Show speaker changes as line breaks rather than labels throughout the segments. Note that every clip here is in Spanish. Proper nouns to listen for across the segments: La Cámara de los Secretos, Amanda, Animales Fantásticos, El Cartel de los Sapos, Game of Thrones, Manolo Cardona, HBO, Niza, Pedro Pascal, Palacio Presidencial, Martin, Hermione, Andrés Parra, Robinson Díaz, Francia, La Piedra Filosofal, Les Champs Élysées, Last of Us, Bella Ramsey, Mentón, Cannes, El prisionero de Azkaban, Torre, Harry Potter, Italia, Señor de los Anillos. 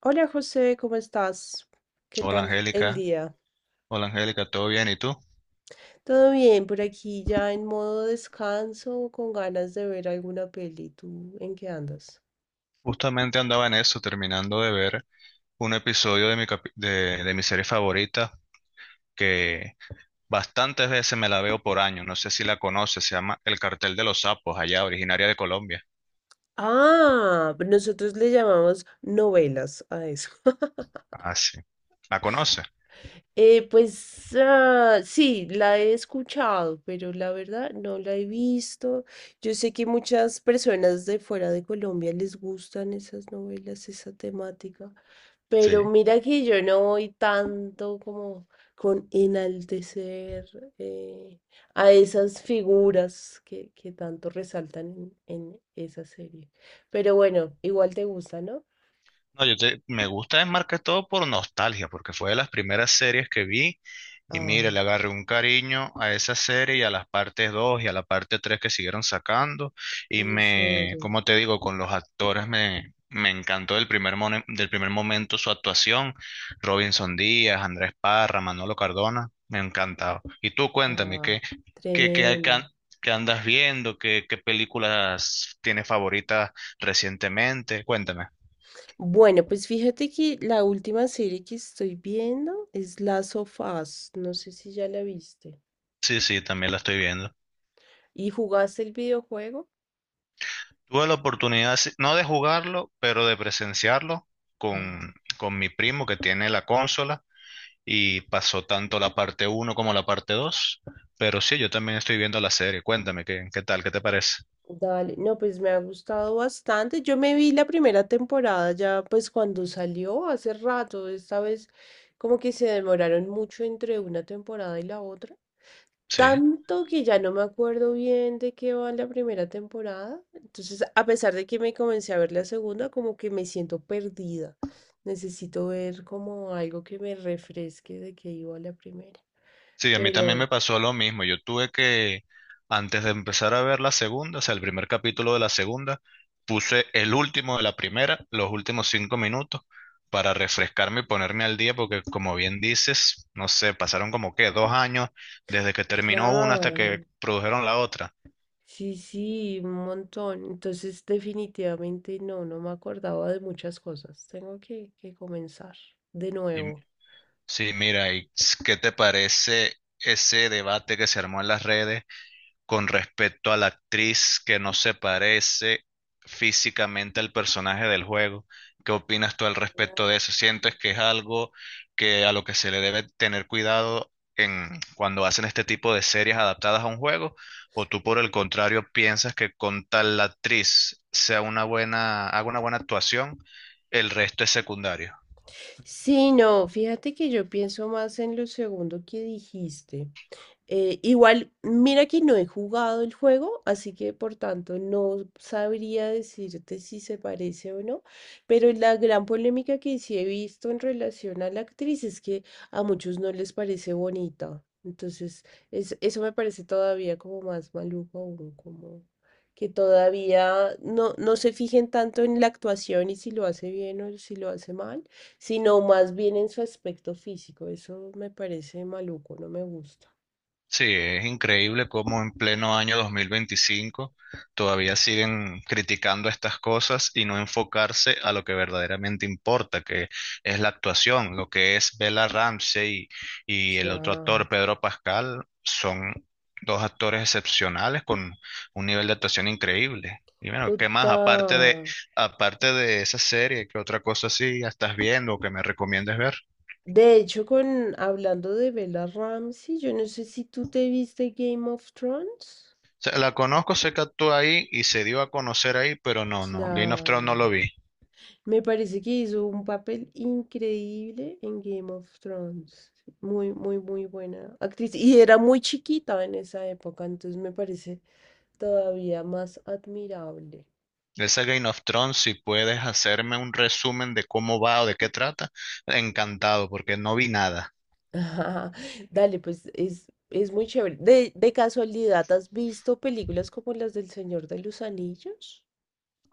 Hola José, ¿cómo estás? ¿Qué
Hola
tal el
Angélica,
día?
hola Angélica, ¿todo bien? ¿Y tú?
Todo bien, por aquí ya en modo descanso, con ganas de ver alguna peli. ¿Tú en qué andas?
Justamente andaba en eso, terminando de ver un episodio de mi serie favorita que bastantes veces me la veo por año, no sé si la conoces, se llama El Cartel de los Sapos, allá originaria de Colombia.
Ah, nosotros le llamamos novelas a eso.
Ah, sí. ¿La conoces?
Sí, la he escuchado, pero la verdad no la he visto. Yo sé que muchas personas de fuera de Colombia les gustan esas novelas, esa temática, pero
Sí.
mira que yo no voy tanto como con enaltecer eh, a esas figuras que tanto resaltan en esa serie. Pero bueno, igual te gusta, ¿no?
No, me gusta es todo por nostalgia, porque fue de las primeras series que vi y
Ah,
mire, le agarré un cariño a esa serie y a las partes 2 y a la parte 3 que siguieron sacando y
en
me,
serio.
como te digo, con los actores me encantó del primer momento su actuación, Robinson Díaz, Andrés Parra, Manolo Cardona, me encantaba. Y tú cuéntame,
Ah,
¿qué, qué, qué, hay que an-
tremendo.
qué andas viendo? ¿Qué películas tienes favoritas recientemente? Cuéntame.
Bueno, pues fíjate que la última serie que estoy viendo es Last of Us. No sé si ya la viste.
Sí, sí, también la estoy viendo.
¿Y jugaste el videojuego?
Tuve la oportunidad, sí, no de jugarlo, pero de presenciarlo
No.
con mi primo que tiene la consola y pasó tanto la parte uno como la parte 2. Pero sí, yo también estoy viendo la serie. Cuéntame, ¿qué tal? ¿Qué te parece?
Dale, no, pues me ha gustado bastante. Yo me vi la primera temporada ya, pues cuando salió hace rato. Esta vez como que se demoraron mucho entre una temporada y la otra.
Sí.
Tanto que ya no me acuerdo bien de qué va la primera temporada. Entonces, a pesar de que me comencé a ver la segunda, como que me siento perdida. Necesito ver como algo que me refresque de qué iba la primera.
Sí, a mí también
Pero,
me pasó lo mismo. Yo tuve que, antes de empezar a ver la segunda, o sea, el primer capítulo de la segunda, puse el último de la primera, los últimos cinco minutos, para refrescarme y ponerme al día, porque como bien dices, no sé, pasaron como que dos años desde que terminó una hasta que
claro,
produjeron la otra.
sí, sí, un montón. Entonces, definitivamente no, no me acordaba de muchas cosas. Tengo que comenzar de
Y,
nuevo.
sí, mira, ¿y qué te parece ese debate que se armó en las redes con respecto a la actriz que no se parece físicamente al personaje del juego? ¿Qué opinas tú al respecto de eso? ¿Sientes que es algo que a lo que se le debe tener cuidado en cuando hacen este tipo de series adaptadas a un juego? ¿O tú por el contrario piensas que con tal la actriz sea una buena, haga una buena actuación, el resto es secundario?
Sí, no, fíjate que yo pienso más en lo segundo que dijiste. Igual, mira que no he jugado el juego, así que por tanto no sabría decirte si se parece o no, pero la gran polémica que sí he visto en relación a la actriz es que a muchos no les parece bonita. Entonces, eso me parece todavía como más maluco aún, como que todavía no, no se fijen tanto en la actuación y si lo hace bien o si lo hace mal, sino más bien en su aspecto físico. Eso me parece maluco, no me gusta.
Sí, es increíble cómo en pleno año 2025 todavía siguen criticando estas cosas y no enfocarse a lo que verdaderamente importa, que es la actuación. Lo que es Bella Ramsey y el otro
Claro,
actor, Pedro Pascal, son dos actores excepcionales con un nivel de actuación increíble. Y bueno, ¿qué más? Aparte de,
total.
aparte de esa serie, ¿qué otra cosa sí estás viendo o que me recomiendes ver?
De hecho, con hablando de Bella Ramsey, yo no sé si tú te viste Game of Thrones.
Sea, la conozco, sé que actúa ahí y se dio a conocer ahí, pero no, no, Game of Thrones
La...
no lo vi.
Me parece que hizo un papel increíble en Game of Thrones. Muy, muy, muy buena actriz. Y era muy chiquita en esa época, entonces me parece todavía más admirable.
Ese Game of Thrones, si puedes hacerme un resumen de cómo va o de qué trata, encantado, porque no vi nada.
Ajá. Dale, pues es muy chévere. De casualidad, ¿has visto películas como las del Señor de los Anillos?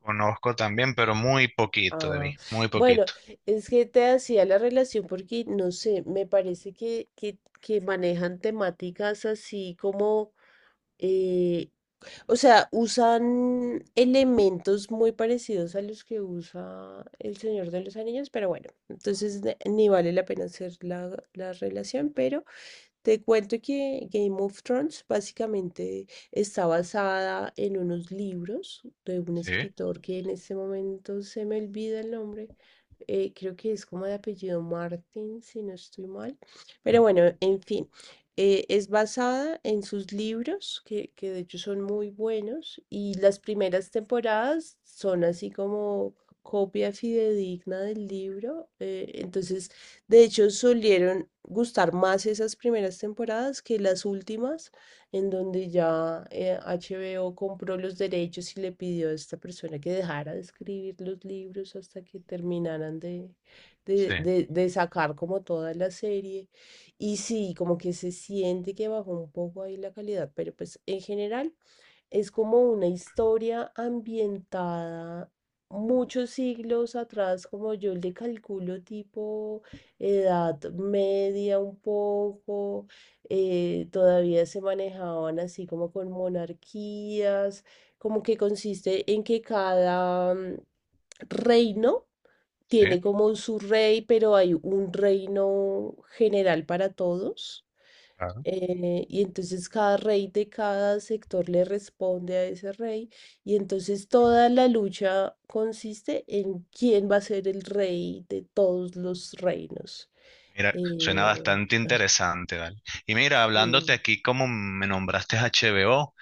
Conozco también, pero muy poquito de
Ah,
mí, muy
bueno,
poquito.
es que te hacía la relación porque, no sé, me parece que manejan temáticas así como, eh, o sea, usan elementos muy parecidos a los que usa El Señor de los Anillos, pero bueno, entonces ni vale la pena hacer la relación, pero te cuento que Game of Thrones básicamente está basada en unos libros de un
Sí,
escritor que en este momento se me olvida el nombre. Creo que es como de apellido Martin, si no estoy mal. Pero bueno, en fin, es basada en sus libros, que de hecho son muy buenos, y las primeras temporadas son así como copia fidedigna del libro. Entonces de hecho, solieron gustar más esas primeras temporadas que las últimas, en donde ya HBO compró los derechos y le pidió a esta persona que dejara de escribir los libros hasta que terminaran de, de,
sí,
de- de sacar como toda la serie. Y sí, como que se siente que bajó un poco ahí la calidad, pero pues en general es como una historia ambientada muchos siglos atrás, como yo le calculo tipo edad media un poco, todavía se manejaban así como con monarquías, como que consiste en que cada reino
sí.
tiene como su rey, pero hay un reino general para todos. Y entonces cada rey de cada sector le responde a ese rey. Y entonces toda la lucha consiste en quién va a ser el rey de todos los reinos.
Mira, suena
Eh,
bastante interesante, ¿vale? Y mira,
sí,
hablándote aquí como me nombraste HBO,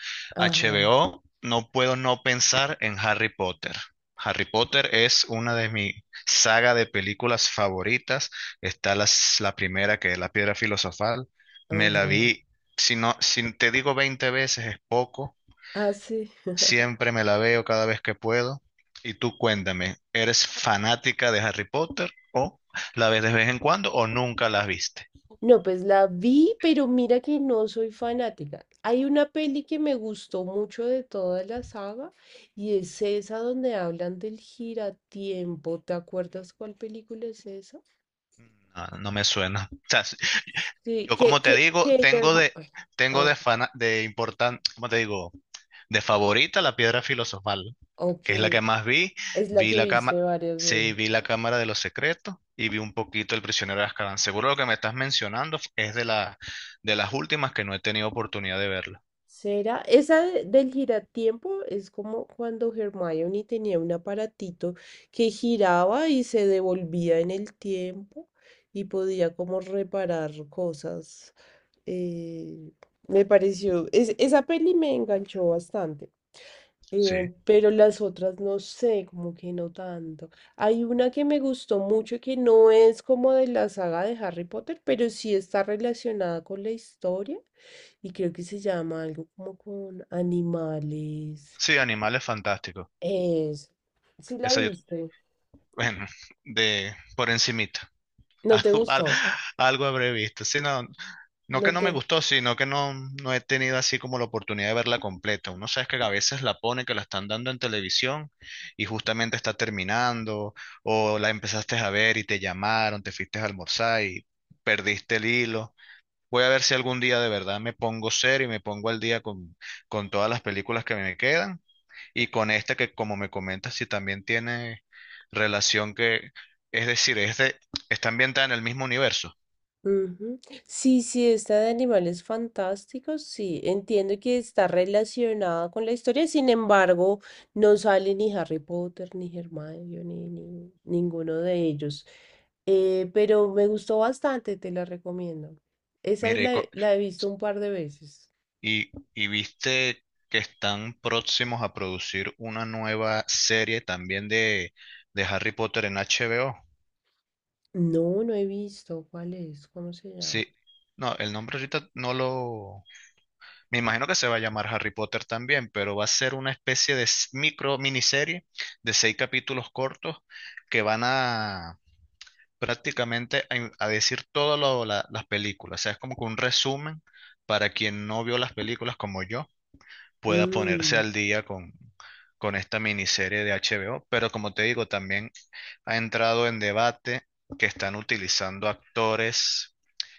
ajá,
HBO, no puedo no pensar en Harry Potter. Harry Potter es una de mis saga de películas favoritas. Está la primera, que es La Piedra Filosofal. Me la
ajá.
vi, si no, si te digo 20 veces es poco.
Ah, sí.
Siempre me la veo cada vez que puedo. Y tú cuéntame, ¿eres fanática de Harry Potter o la ves de vez en cuando o nunca la viste?
No, pues la vi, pero mira que no soy fanática. Hay una peli que me gustó mucho de toda la saga y es esa donde hablan del giratiempo. ¿Te acuerdas cuál película es esa?
No, no me suena. O sea, sí,
Sí,
yo como te digo,
Ay,
tengo
ah,
de importante, ¿cómo te digo? De favorita la piedra filosofal,
ok.
que es la que más vi.
Es la
Vi
que
la
viste
cámara
varias
Sí,
veces.
vi la
Ah.
Cámara de los Secretos y vi un poquito El prisionero de Azkaban. Seguro lo que me estás mencionando es de las últimas que no he tenido oportunidad de verla.
¿Será? Esa del giratiempo es como cuando Hermione tenía un aparatito que giraba y se devolvía en el tiempo y podía como reparar cosas. Eh, Me pareció, esa peli me enganchó bastante,
Sí.
pero las otras no sé, como que no tanto. Hay una que me gustó mucho que no es como de la saga de Harry Potter, pero sí está relacionada con la historia y creo que se llama algo como con animales.
Sí, Animales Fantásticos.
Es, sí la
Esa yo,
viste,
bueno, de por encimita.
no te
Algo,
gustó,
algo habré visto. Sí, no, no
no
que no me
te...
gustó, sino que no, no he tenido así como la oportunidad de verla completa. Uno sabe que a veces la pone, que la están dando en televisión y justamente está terminando, o la empezaste a ver y te llamaron, te fuiste a almorzar y perdiste el hilo. Voy a ver si algún día de verdad me pongo serio y me pongo al día con todas las películas que me quedan y con esta que como me comentas, si también tiene relación que, es decir, es de, está ambientada en el mismo universo.
Ujú. Sí, sí, esta de animales fantásticos, sí, entiendo que está relacionada con la historia, sin embargo, no sale ni Harry Potter, ni Hermione, ni, ni ninguno de ellos. Pero me gustó bastante, te la recomiendo. Esa es
Mire, y co-
la he visto un par de veces.
Y, y viste que están próximos a producir una nueva serie también de Harry Potter en HBO.
No, no he visto. ¿Cuál es? ¿Cómo se llama?
Sí, no, el nombre ahorita no lo... Me imagino que se va a llamar Harry Potter también, pero va a ser una especie de micro miniserie de seis capítulos cortos que van a prácticamente a decir todas las películas. O sea, es como que un resumen para quien no vio las películas como yo pueda ponerse
Mm,
al día con esta miniserie de HBO. Pero como te digo, también ha entrado en debate que están utilizando actores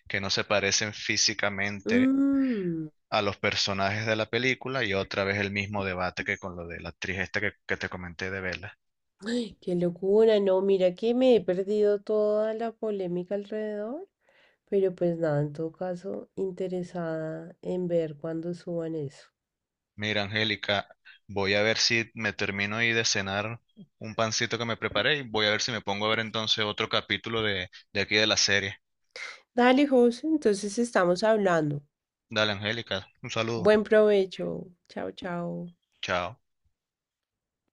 que no se parecen físicamente
mm.
a los personajes de la película y otra vez el mismo debate que con lo de la actriz esta que te comenté de Vela.
Ay, qué locura, no, mira que me he perdido toda la polémica alrededor, pero pues nada, en todo caso, interesada en ver cuándo suban eso.
Mira, Angélica, voy a ver si me termino ahí de cenar un pancito que me preparé y voy a ver si me pongo a ver entonces otro capítulo de aquí de la serie.
Dale, José, entonces estamos hablando.
Dale, Angélica, un saludo.
Buen provecho. Chao, chao.
Chao.